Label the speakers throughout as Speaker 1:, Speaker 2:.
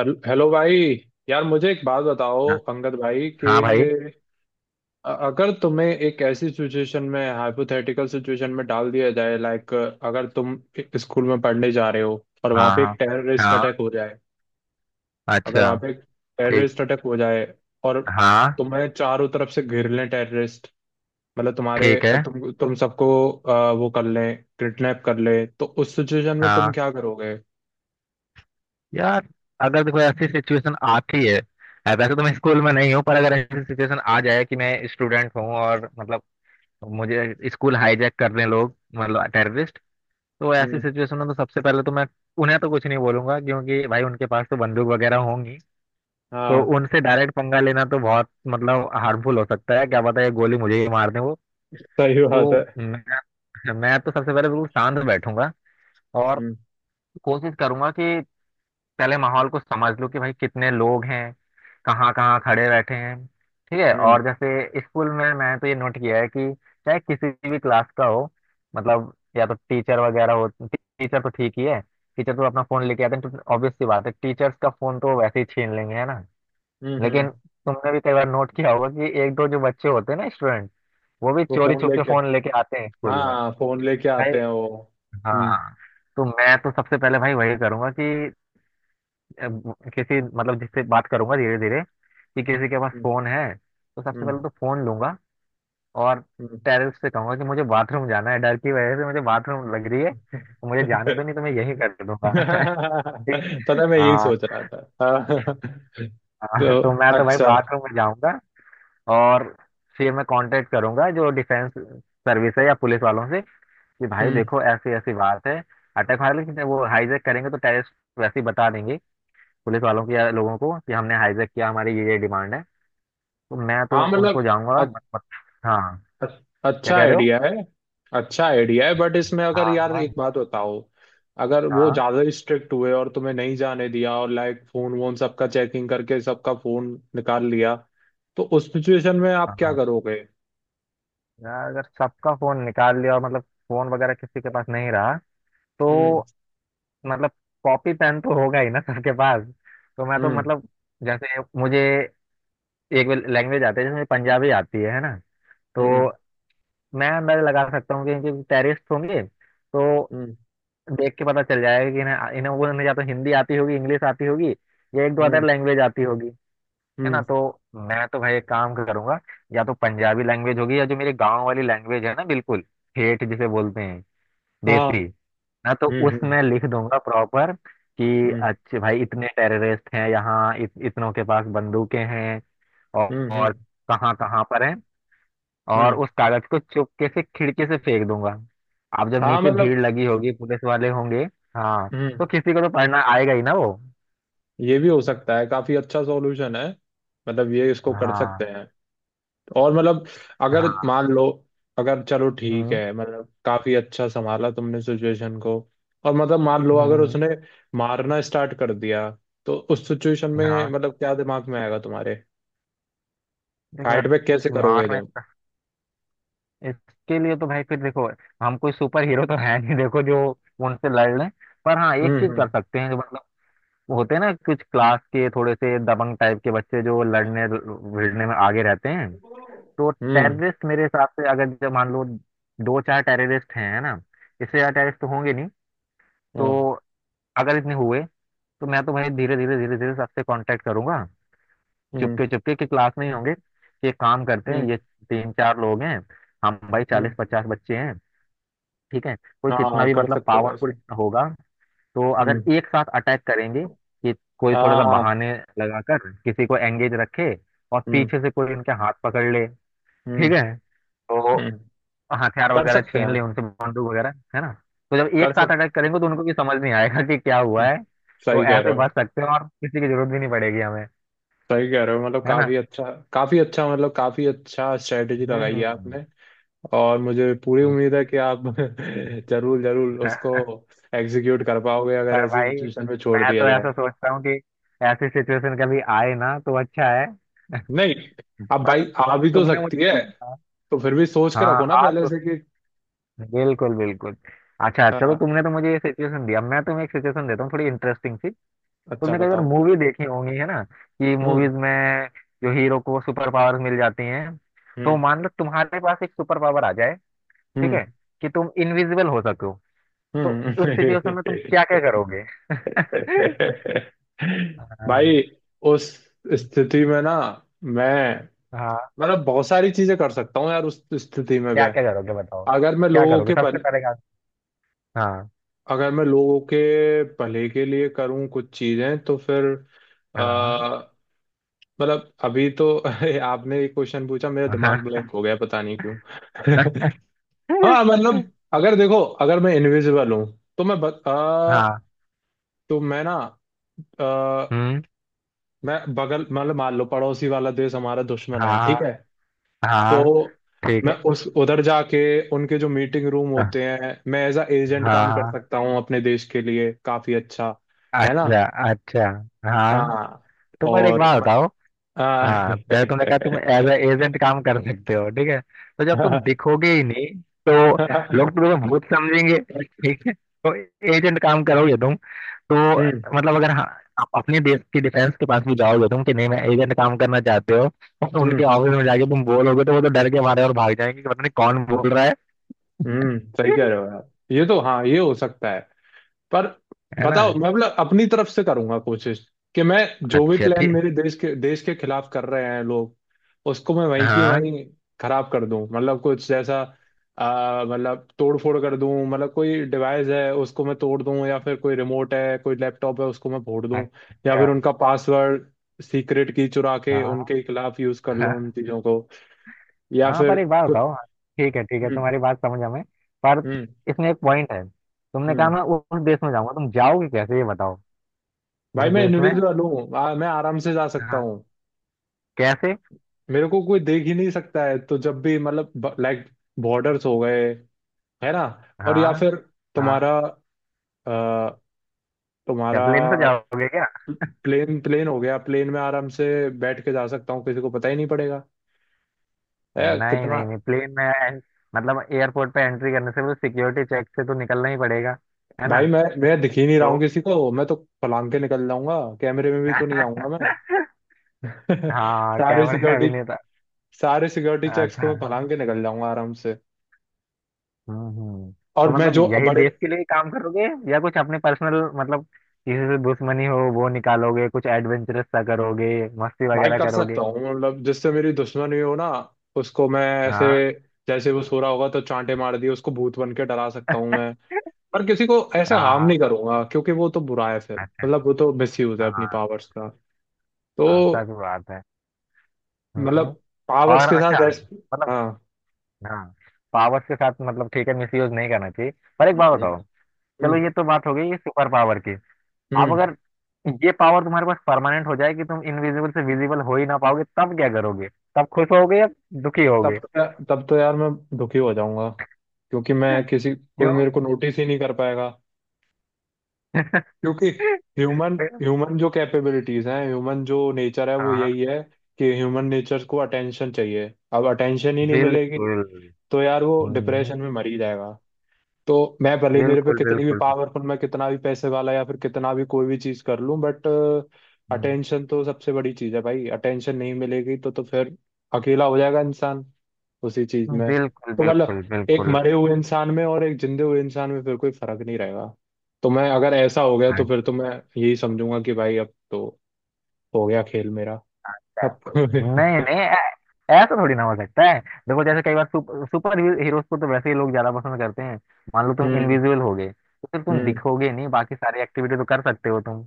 Speaker 1: Hello भाई। यार मुझे एक बात बताओ
Speaker 2: हाँ
Speaker 1: अंगद भाई
Speaker 2: हाँ भाई।
Speaker 1: कि अगर तुम्हें एक ऐसी सिचुएशन में हाइपोथेटिकल सिचुएशन में डाल दिया जाए, लाइक अगर तुम एक स्कूल में पढ़ने जा रहे हो और वहां
Speaker 2: हाँ
Speaker 1: पे
Speaker 2: हाँ
Speaker 1: एक टेररिस्ट
Speaker 2: हाँ।
Speaker 1: अटैक हो जाए। अगर
Speaker 2: अच्छा।
Speaker 1: वहां पे एक
Speaker 2: ठीक।
Speaker 1: टेररिस्ट अटैक हो जाए और
Speaker 2: हाँ।
Speaker 1: तुम्हें चारों तरफ से घेर लें टेररिस्ट, मतलब तुम्हारे
Speaker 2: ठीक है।
Speaker 1: तुम सबको वो कर लें, किडनैप कर लें, तो उस सिचुएशन में तुम
Speaker 2: हाँ।
Speaker 1: क्या करोगे?
Speaker 2: यार, अगर देखो ऐसी सिचुएशन आती है। अब वैसे तो मैं स्कूल में नहीं हूँ, पर अगर ऐसी सिचुएशन आ जाए कि मैं स्टूडेंट हूँ और मतलब मुझे स्कूल हाईजैक कर रहे हैं लोग, मतलब टेररिस्ट। तो ऐसी
Speaker 1: हम्म।
Speaker 2: सिचुएशन में तो सबसे पहले तो मैं उन्हें तो कुछ नहीं बोलूंगा, क्योंकि भाई उनके पास तो बंदूक वगैरह होंगी। तो
Speaker 1: हाँ।
Speaker 2: उनसे डायरेक्ट पंगा लेना तो बहुत मतलब हार्मफुल हो सकता है, क्या पता ये गोली मुझे ही मार दे।
Speaker 1: सही बात
Speaker 2: तो
Speaker 1: है।
Speaker 2: मैं अच्छा, मैं तो सबसे पहले बिल्कुल शांत बैठूंगा। और
Speaker 1: हम्म।
Speaker 2: कोशिश करूंगा कि पहले माहौल को समझ लूं कि भाई कितने लोग हैं, कहाँ कहाँ खड़े बैठे हैं। ठीक है।
Speaker 1: हम्म।
Speaker 2: और जैसे स्कूल में मैंने तो ये नोट किया है कि चाहे किसी भी क्लास का हो, मतलब या तो टीचर वगैरह हो, टीचर तो ठीक ही है। टीचर तो अपना फोन लेके आते हैं तो ऑब्वियस सी बात है, टीचर्स का फोन तो वैसे ही छीन लेंगे, है ना।
Speaker 1: हम्म। हम्म।
Speaker 2: लेकिन तुमने भी कई बार नोट किया होगा कि एक दो जो बच्चे होते हैं ना स्टूडेंट, वो भी
Speaker 1: वो
Speaker 2: चोरी
Speaker 1: फोन
Speaker 2: छुप के
Speaker 1: लेके,
Speaker 2: फोन लेके आते हैं स्कूल में।
Speaker 1: हाँ फोन लेके
Speaker 2: भाई।
Speaker 1: आते हैं वो। हम्म।
Speaker 2: हाँ। तो मैं तो सबसे पहले भाई वही करूंगा कि अ, किसी मतलब जिससे बात करूंगा धीरे धीरे कि किसी के पास
Speaker 1: हम्म।
Speaker 2: फोन है तो सबसे
Speaker 1: हम्म।
Speaker 2: पहले तो फोन लूंगा। और
Speaker 1: हम्म।
Speaker 2: टेरेस से कहूंगा कि मुझे बाथरूम जाना है, डर की वजह से मुझे बाथरूम लग रही है, तो मुझे जाने दो, नहीं तो मैं यही कर दूंगा। ठीक।
Speaker 1: पता है, मैं यही
Speaker 2: हाँ।
Speaker 1: सोच रहा था। हाँ। तो
Speaker 2: हाँ, तो मैं तो भाई
Speaker 1: अच्छा।
Speaker 2: बाथरूम में जाऊंगा। और फिर मैं कांटेक्ट करूंगा जो डिफेंस सर्विस है या पुलिस वालों से कि भाई
Speaker 1: हम्म।
Speaker 2: देखो ऐसी ऐसी बात है, अटैक। हालांकि वो हाईजैक करेंगे तो टेररिस्ट वैसे ही बता देंगे पुलिस वालों की या लोगों को कि हमने हाईजैक किया, हमारी ये डिमांड है। तो मैं तो
Speaker 1: हाँ मतलब
Speaker 2: उनको जाऊंगा,
Speaker 1: अ-
Speaker 2: मत, मत। हाँ।
Speaker 1: अ-
Speaker 2: क्या
Speaker 1: अच्छा
Speaker 2: कह रहे हो?
Speaker 1: आइडिया है। अच्छा आइडिया है, बट इसमें अगर
Speaker 2: हाँ।
Speaker 1: यार
Speaker 2: हाँ।
Speaker 1: एक बात बताओ, अगर वो
Speaker 2: हाँ।
Speaker 1: ज्यादा स्ट्रिक्ट हुए और तुम्हें नहीं जाने दिया और लाइक फोन वोन सबका चेकिंग करके सबका फोन निकाल लिया, तो उस सिचुएशन में आप क्या
Speaker 2: हाँ।
Speaker 1: करोगे?
Speaker 2: यार अगर सबका फोन निकाल लिया और मतलब फोन वगैरह किसी के पास नहीं रहा, तो
Speaker 1: हम्म।
Speaker 2: मतलब कॉपी पेन तो होगा ही ना सबके पास। तो मैं तो मतलब जैसे मुझे एक लैंग्वेज आती है, जैसे मुझे पंजाबी आती है ना। तो
Speaker 1: हम्म।
Speaker 2: मैं अंदाजा लगा सकता हूँ कि टेररिस्ट होंगे तो
Speaker 1: हम्म।
Speaker 2: देख के पता चल जाएगा कि इन्हें इन्हें वो इन्हें या तो हिंदी आती होगी, इंग्लिश आती होगी, या एक दो अदर
Speaker 1: हम्म।
Speaker 2: लैंग्वेज आती होगी। है ना।
Speaker 1: हम्म,
Speaker 2: तो मैं तो भाई एक काम करूंगा, या तो पंजाबी लैंग्वेज होगी या जो मेरे गांव वाली लैंग्वेज है ना, बिल्कुल ठेठ जिसे बोलते हैं,
Speaker 1: हाँ।
Speaker 2: देसी। ना तो
Speaker 1: हम्म। हम्म।
Speaker 2: उसमें लिख दूंगा प्रॉपर कि
Speaker 1: हम्म।
Speaker 2: अच्छे भाई इतने टेररिस्ट हैं यहाँ, इतनों के पास बंदूकें हैं और,
Speaker 1: हम्म।
Speaker 2: और
Speaker 1: हम्म।
Speaker 2: कहाँ कहाँ पर हैं। और
Speaker 1: हम्म।
Speaker 2: उस कागज को चुपके से खिड़की से फेंक दूंगा। अब जब
Speaker 1: हाँ
Speaker 2: नीचे भीड़
Speaker 1: मतलब।
Speaker 2: लगी होगी, पुलिस वाले होंगे, हाँ,
Speaker 1: हम्म।
Speaker 2: तो किसी को तो पढ़ना आएगा ही ना वो।
Speaker 1: ये भी हो सकता है, काफी अच्छा सॉल्यूशन है। मतलब ये इसको कर सकते
Speaker 2: हाँ।
Speaker 1: हैं। और मतलब अगर
Speaker 2: हाँ।
Speaker 1: मान लो, अगर चलो ठीक
Speaker 2: हम्म।
Speaker 1: है, मतलब काफी अच्छा संभाला तुमने सिचुएशन को। और मतलब मान लो अगर
Speaker 2: हम्म।
Speaker 1: उसने मारना स्टार्ट कर दिया, तो उस सिचुएशन में
Speaker 2: हाँ।
Speaker 1: मतलब क्या दिमाग में आएगा तुम्हारे?
Speaker 2: देखो
Speaker 1: फाइट
Speaker 2: यार,
Speaker 1: बैक कैसे करोगे
Speaker 2: मारना
Speaker 1: तुम?
Speaker 2: इसका, इसके लिए तो भाई फिर देखो, हम कोई सुपर हीरो तो है नहीं देखो जो उनसे लड़ लें। पर हाँ एक
Speaker 1: हम्म।
Speaker 2: चीज
Speaker 1: हम्म।
Speaker 2: कर सकते हैं जो मतलब होते हैं ना कुछ क्लास के थोड़े से दबंग टाइप के बच्चे जो लड़ने भिड़ने में आगे रहते हैं। तो
Speaker 1: हम्म।
Speaker 2: टेररिस्ट मेरे हिसाब से अगर जब मान लो दो चार टेररिस्ट हैं है ना, इससे ज्यादा टेररिस्ट तो होंगे नहीं।
Speaker 1: हाँ।
Speaker 2: तो अगर इतने हुए तो मैं तो भाई धीरे धीरे धीरे धीरे सबसे कांटेक्ट करूंगा,
Speaker 1: हम्म।
Speaker 2: चुपके चुपके, कि क्लास में ही होंगे, कि एक काम करते हैं,
Speaker 1: हम्म।
Speaker 2: ये तीन चार लोग हैं, हम भाई चालीस
Speaker 1: हम्म।
Speaker 2: पचास बच्चे हैं। ठीक है। कोई
Speaker 1: हाँ
Speaker 2: कितना
Speaker 1: हाँ,
Speaker 2: भी
Speaker 1: कर
Speaker 2: मतलब
Speaker 1: सकते हो
Speaker 2: पावरफुल
Speaker 1: ऐसा।
Speaker 2: होगा, तो अगर
Speaker 1: हम्म।
Speaker 2: एक साथ अटैक करेंगे, कि कोई थोड़ा सा
Speaker 1: हाँ।
Speaker 2: बहाने लगाकर किसी को एंगेज रखे, और
Speaker 1: हम्म।
Speaker 2: पीछे से कोई इनके हाथ पकड़ ले। ठीक है।
Speaker 1: हम्म।
Speaker 2: तो
Speaker 1: हम्म।
Speaker 2: हथियार
Speaker 1: कर
Speaker 2: वगैरह
Speaker 1: सकते
Speaker 2: छीन
Speaker 1: हैं।
Speaker 2: ले उनसे, बंदूक वगैरह, है ना। तो जब
Speaker 1: कर
Speaker 2: एक साथ
Speaker 1: सक
Speaker 2: अटैक करेंगे तो उनको भी समझ नहीं आएगा कि क्या हुआ
Speaker 1: हम्म,
Speaker 2: है। तो
Speaker 1: सही कह
Speaker 2: ऐसे
Speaker 1: रहे हो।
Speaker 2: बच सकते हैं और किसी की जरूरत भी नहीं पड़ेगी हमें।
Speaker 1: सही कह रहे हो, मतलब
Speaker 2: है ना।
Speaker 1: काफी अच्छा, काफी अच्छा, मतलब काफी अच्छा स्ट्रेटेजी लगाई है
Speaker 2: हम्म।
Speaker 1: आपने। और मुझे पूरी उम्मीद है कि आप जरूर जरूर उसको एग्जीक्यूट कर पाओगे, अगर
Speaker 2: पर
Speaker 1: ऐसी
Speaker 2: भाई
Speaker 1: सिचुएशन में छोड़
Speaker 2: मैं
Speaker 1: दिया
Speaker 2: तो
Speaker 1: जाए।
Speaker 2: ऐसा सोचता हूँ कि ऐसी सिचुएशन कभी आए ना तो अच्छा है।
Speaker 1: नहीं, अब
Speaker 2: बाकी
Speaker 1: भाई आ भी तो
Speaker 2: तुमने
Speaker 1: सकती है।
Speaker 2: मुझे,
Speaker 1: तो फिर भी सोच के
Speaker 2: हाँ,
Speaker 1: रखो ना
Speaker 2: आज
Speaker 1: पहले
Speaker 2: तो
Speaker 1: से कि।
Speaker 2: बिल्कुल बिल्कुल। अच्छा अच्छा, तो
Speaker 1: हाँ।
Speaker 2: तुमने तो मुझे ये सिचुएशन दिया, मैं तुम्हें एक सिचुएशन देता हूँ थोड़ी इंटरेस्टिंग सी।
Speaker 1: अच्छा
Speaker 2: तुमने कई बार
Speaker 1: बताओ।
Speaker 2: मूवी देखी होंगी है ना कि
Speaker 1: हम्म।
Speaker 2: मूवीज में जो हीरो को सुपर पावर्स मिल जाती हैं। तो
Speaker 1: हम्म।
Speaker 2: मान लो तुम्हारे पास एक सुपर पावर आ जाए, ठीक
Speaker 1: हम्म।
Speaker 2: है, कि तुम इनविजिबल हो सको। तो
Speaker 1: हम्म।
Speaker 2: उस सिचुएशन में तुम क्या क्या करोगे?
Speaker 1: भाई
Speaker 2: हाँ।
Speaker 1: उस स्थिति में ना, मैं
Speaker 2: हाँ।
Speaker 1: मतलब बहुत सारी चीजें कर सकता हूँ यार, उस स्थिति में
Speaker 2: क्या
Speaker 1: मैं।
Speaker 2: क्या करोगे बताओ?
Speaker 1: अगर मैं
Speaker 2: क्या
Speaker 1: लोगों
Speaker 2: करोगे
Speaker 1: के
Speaker 2: सबसे
Speaker 1: भल
Speaker 2: पहले का? हाँ।
Speaker 1: अगर मैं लोगों के भले के लिए करूँ कुछ चीजें, तो फिर आ,
Speaker 2: हाँ।
Speaker 1: मतलब अभी तो आपने एक क्वेश्चन पूछा, मेरा दिमाग
Speaker 2: हाँ।
Speaker 1: ब्लैंक हो गया, पता नहीं क्यों। हाँ मतलब अगर देखो, अगर मैं इनविजिबल हूँ, तो
Speaker 2: हाँ।
Speaker 1: तो मैं ना,
Speaker 2: हम्म।
Speaker 1: मैं बगल मतलब मान लो पड़ोसी वाला देश हमारा दुश्मन है,
Speaker 2: हाँ।
Speaker 1: ठीक है,
Speaker 2: हाँ।
Speaker 1: तो
Speaker 2: ठीक
Speaker 1: मैं
Speaker 2: है।
Speaker 1: उस उधर जाके उनके जो मीटिंग रूम
Speaker 2: हाँ।
Speaker 1: होते हैं, मैं एज अ एजेंट काम कर
Speaker 2: हाँ।
Speaker 1: सकता हूँ अपने देश के लिए, काफी अच्छा। है ना।
Speaker 2: अच्छा। अच्छा। हाँ।
Speaker 1: हाँ।
Speaker 2: तो पर एक
Speaker 1: और
Speaker 2: बात
Speaker 1: म-
Speaker 2: बताओ,
Speaker 1: हाँ।
Speaker 2: हाँ, जैसे तुमने कहा तुम एज एजेंट काम कर सकते हो, ठीक है, तो जब तुम दिखोगे ही नहीं तो
Speaker 1: हम्म।
Speaker 2: लोग तुम्हें भूत समझेंगे। ठीक है। तो एजेंट काम करोगे तुम? तो मतलब अगर हाँ आप अपने देश की डिफेंस के पास भी जाओगे तुम कि नहीं मैं एजेंट काम करना चाहते हो? और
Speaker 1: हम्म।
Speaker 2: उनके ऑफिस में जाके तुम बोलोगे तो वो तो डर के मारे और भाग जाएंगे कि पता नहीं कौन बोल रहा है।
Speaker 1: हम्म, सही कह रहे हो यार, ये तो हाँ ये हो सकता है। पर
Speaker 2: है ना।
Speaker 1: बताओ, मैं मतलब अपनी तरफ से करूंगा कोशिश, कि मैं जो भी
Speaker 2: अच्छा।
Speaker 1: प्लान
Speaker 2: ठीक।
Speaker 1: मेरे देश के खिलाफ कर रहे हैं लोग, उसको मैं वहीं की
Speaker 2: हाँ।
Speaker 1: वहीं खराब कर दूं, मतलब कुछ जैसा मतलब तोड़ फोड़ कर दूं, मतलब कोई डिवाइस है उसको मैं तोड़ दूं, या फिर कोई रिमोट है, कोई लैपटॉप है उसको मैं फोड़ दूं, या
Speaker 2: अच्छा।
Speaker 1: फिर उनका पासवर्ड, सीक्रेट की चुरा के उनके खिलाफ यूज कर लूं
Speaker 2: हाँ।
Speaker 1: उन चीजों को, या
Speaker 2: हाँ,
Speaker 1: फिर
Speaker 2: पर एक बात
Speaker 1: कुछ।
Speaker 2: बताओ। ठीक है, ठीक है,
Speaker 1: हम्म।
Speaker 2: तुम्हारी बात समझ हमें। पर
Speaker 1: हम्म।
Speaker 2: इसमें एक पॉइंट है, तुमने कहा
Speaker 1: हम्म।
Speaker 2: मैं उस देश में जाऊंगा, तुम जाओगे कैसे ये बताओ।
Speaker 1: भाई
Speaker 2: उस
Speaker 1: मैं
Speaker 2: देश में।
Speaker 1: इंडिविजुअल हूँ, मैं आराम से जा सकता
Speaker 2: हाँ।
Speaker 1: हूँ।
Speaker 2: कैसे?
Speaker 1: मेरे को कोई देख ही नहीं सकता है, तो जब भी मतलब लाइक बॉर्डर्स हो गए, है ना, और या
Speaker 2: हाँ।
Speaker 1: फिर
Speaker 2: हाँ।
Speaker 1: तुम्हारा अ,
Speaker 2: क्या
Speaker 1: तुम्हारा
Speaker 2: प्लेन से जाओगे क्या?
Speaker 1: प्लेन प्लेन हो गया, प्लेन में आराम से बैठ के जा सकता हूँ, किसी को पता ही नहीं पड़ेगा। है
Speaker 2: नहीं
Speaker 1: कितना।
Speaker 2: नहीं नहीं प्लेन में मतलब एयरपोर्ट पे एंट्री करने से वो सिक्योरिटी चेक से तो निकलना ही पड़ेगा। है ना।
Speaker 1: भाई मैं दिख ही नहीं रहा
Speaker 2: तो
Speaker 1: हूँ किसी को, मैं तो पलांग के निकल जाऊंगा, कैमरे में भी तो नहीं आऊंगा मैं।
Speaker 2: हाँ
Speaker 1: सारे
Speaker 2: कैमरे
Speaker 1: सिक्योरिटी
Speaker 2: अभिनेता।
Speaker 1: सारे सिक्योरिटी चेक्स
Speaker 2: अच्छा।
Speaker 1: को मैं पलांग के निकल जाऊंगा आराम से।
Speaker 2: हम्म। हम्म। तो
Speaker 1: और मैं
Speaker 2: मतलब
Speaker 1: जो
Speaker 2: यही
Speaker 1: बड़े
Speaker 2: देश के लिए ही काम करोगे या कुछ अपने पर्सनल मतलब किसी से दुश्मनी हो वो निकालोगे कुछ एडवेंचरस सा करोगे मस्ती
Speaker 1: भाई
Speaker 2: वगैरह
Speaker 1: कर सकता
Speaker 2: करोगे?
Speaker 1: हूँ मतलब, जिससे मेरी दुश्मनी हो ना, उसको मैं ऐसे,
Speaker 2: हाँ।
Speaker 1: जैसे वो सो रहा होगा तो चांटे मार दिए उसको, भूत बन के डरा सकता हूँ मैं। पर किसी को ऐसे हार्म
Speaker 2: हाँ।
Speaker 1: नहीं करूंगा, क्योंकि वो तो बुरा है, फिर
Speaker 2: अच्छा।
Speaker 1: मतलब वो तो मिसयूज है अपनी
Speaker 2: हाँ।
Speaker 1: पावर्स का।
Speaker 2: हाँ,
Speaker 1: तो
Speaker 2: सच बात है। हम्म।
Speaker 1: मतलब पावर्स
Speaker 2: और
Speaker 1: के
Speaker 2: अच्छा,
Speaker 1: साथ ऐसे।
Speaker 2: मतलब,
Speaker 1: हाँ।
Speaker 2: हाँ, पावर्स के साथ मतलब ठीक है मिसयूज नहीं करना चाहिए। पर एक बात
Speaker 1: हम्म।
Speaker 2: बताओ, चलो,
Speaker 1: हम्म।
Speaker 2: ये तो बात हो गई ये सुपर पावर की। अब
Speaker 1: हम्म।
Speaker 2: अगर ये पावर तुम्हारे पास परमानेंट हो जाए कि तुम इनविजिबल से विजिबल हो ही ना पाओगे, तब क्या करोगे? तब खुश होगे या दुखी
Speaker 1: तब
Speaker 2: होगे?
Speaker 1: तो, तब तो यार मैं दुखी हो जाऊंगा, क्योंकि मैं किसी कोई
Speaker 2: क्यों?
Speaker 1: मेरे को नोटिस ही नहीं कर पाएगा। क्योंकि ह्यूमन ह्यूमन जो कैपेबिलिटीज हैं, ह्यूमन जो नेचर है वो
Speaker 2: हाँ।
Speaker 1: यही है, कि ह्यूमन नेचर को अटेंशन चाहिए। अब अटेंशन ही नहीं मिलेगी,
Speaker 2: बिल्कुल।
Speaker 1: तो यार वो
Speaker 2: हम्म।
Speaker 1: डिप्रेशन में मर ही जाएगा। तो मैं भले ही मेरे पे
Speaker 2: बिल्कुल
Speaker 1: कितनी भी
Speaker 2: बिल्कुल।
Speaker 1: पावरफुल, मैं कितना भी पैसे वाला या फिर कितना भी कोई भी चीज कर लूं, बट
Speaker 2: हम्म।
Speaker 1: अटेंशन तो सबसे बड़ी चीज है भाई। अटेंशन नहीं मिलेगी तो फिर अकेला हो जाएगा इंसान, उसी चीज में
Speaker 2: बिल्कुल
Speaker 1: तो मतलब
Speaker 2: बिल्कुल
Speaker 1: एक
Speaker 2: बिल्कुल।
Speaker 1: मरे हुए इंसान में और एक जिंदे हुए इंसान में फिर कोई फर्क नहीं रहेगा। तो मैं अगर ऐसा हो गया, तो
Speaker 2: अच्छा।
Speaker 1: फिर तो मैं यही समझूंगा कि भाई अब तो हो गया खेल मेरा, अब।
Speaker 2: नहीं नहीं ऐसा थोड़ी ना हो सकता है। देखो जैसे कई बार सुपर हीरोज को तो वैसे ही लोग ज्यादा पसंद करते हैं। मान लो तुम
Speaker 1: हम्म।
Speaker 2: इनविजिबल हो गए तो फिर तुम
Speaker 1: हम्म।
Speaker 2: दिखोगे नहीं, बाकी सारी एक्टिविटी तो कर सकते हो तुम,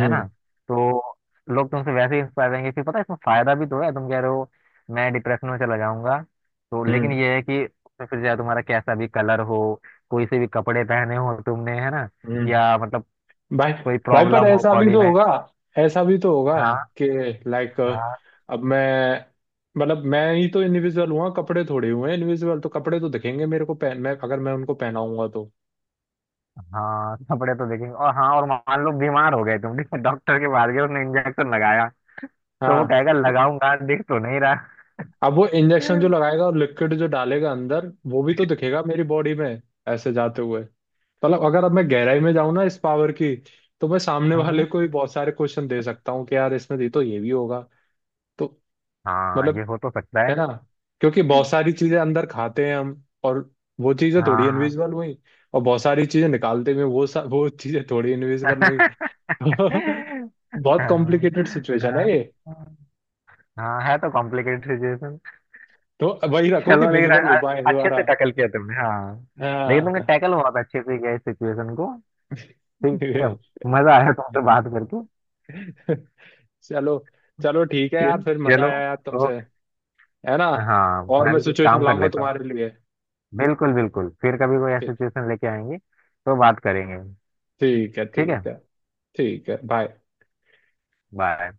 Speaker 2: है ना। तो लोग तुमसे वैसे ही इंस्पायर रहेंगे, फिर पता है इसमें फायदा भी तो है, तुम कह रहे हो मैं डिप्रेशन में चला जाऊंगा। तो लेकिन
Speaker 1: हम्म।
Speaker 2: ये है कि उसमें फिर चाहे तुम्हारा कैसा भी कलर हो, कोई से भी कपड़े पहने हो तुमने, है ना,
Speaker 1: हम्म।
Speaker 2: या मतलब
Speaker 1: भाई,
Speaker 2: कोई
Speaker 1: भाई पर
Speaker 2: प्रॉब्लम हो
Speaker 1: ऐसा भी
Speaker 2: बॉडी
Speaker 1: तो
Speaker 2: में।
Speaker 1: होगा, ऐसा भी तो होगा
Speaker 2: हाँ।
Speaker 1: कि लाइक,
Speaker 2: हाँ।
Speaker 1: अब मैं मतलब मैं ही तो इनविजिबल हुआ, कपड़े थोड़े हुए हैं इनविजिबल, तो कपड़े तो दिखेंगे मेरे को पहन, मैं अगर मैं उनको पहनाऊंगा तो।
Speaker 2: हाँ, कपड़े तो देखेंगे। और हाँ, और मान लो बीमार हो गए तुम, ठीक है? डॉक्टर के पास गए, उसने इंजेक्शन लगाया। तो वो
Speaker 1: हाँ
Speaker 2: कहेगा
Speaker 1: तो
Speaker 2: लगाऊंगा, दिख तो नहीं रहा।
Speaker 1: अब वो इंजेक्शन जो लगाएगा और लिक्विड जो डालेगा अंदर, वो भी तो दिखेगा मेरी बॉडी में ऐसे जाते हुए। मतलब अगर अब मैं गहराई में जाऊं ना इस पावर की, तो मैं सामने वाले
Speaker 2: हम्म।
Speaker 1: को ही बहुत सारे क्वेश्चन दे सकता हूँ, कि यार इसमें दी तो ये भी होगा तो
Speaker 2: हाँ, ये
Speaker 1: मतलब,
Speaker 2: हो तो सकता है।
Speaker 1: है ना, क्योंकि बहुत सारी चीजें अंदर खाते हैं हम, और वो चीजें थोड़ी
Speaker 2: हाँ।
Speaker 1: इनविजिबल हुई, और बहुत सारी चीजें निकालते हुए वो चीजें थोड़ी इनविजिबल हुई। बहुत
Speaker 2: हाँ।
Speaker 1: कॉम्प्लिकेटेड सिचुएशन है
Speaker 2: हाँ।
Speaker 1: ये,
Speaker 2: हाँ, है तो कॉम्प्लिकेटेड सिचुएशन।
Speaker 1: तो वही रखो कि
Speaker 2: चलो लेकिन
Speaker 1: विजिबल हो पाए
Speaker 2: अच्छे
Speaker 1: दोबारा।
Speaker 2: से टैकल किया तुमने, हाँ। लेकिन तुमने
Speaker 1: हाँ।
Speaker 2: टैकल बहुत अच्छे से किया इस सिचुएशन को। ठीक है। मजा आया तुमसे बात करके।
Speaker 1: चलो, चलो ठीक है यार,
Speaker 2: चल-
Speaker 1: फिर मजा
Speaker 2: चलो
Speaker 1: आया यार तुमसे।
Speaker 2: ओके।
Speaker 1: है ना।
Speaker 2: हाँ,
Speaker 1: और
Speaker 2: मैं
Speaker 1: मैं
Speaker 2: भी कुछ
Speaker 1: सिचुएशन
Speaker 2: काम कर
Speaker 1: लाऊंगा
Speaker 2: लेता हूँ।
Speaker 1: तुम्हारे लिए।
Speaker 2: बिल्कुल बिल्कुल फिर कभी कोई ऐसी
Speaker 1: ठीक।
Speaker 2: सिचुएशन लेके आएंगे तो बात करेंगे।
Speaker 1: ठीक है,
Speaker 2: ठीक है।
Speaker 1: ठीक है। ठीक है, बाय।
Speaker 2: बाय।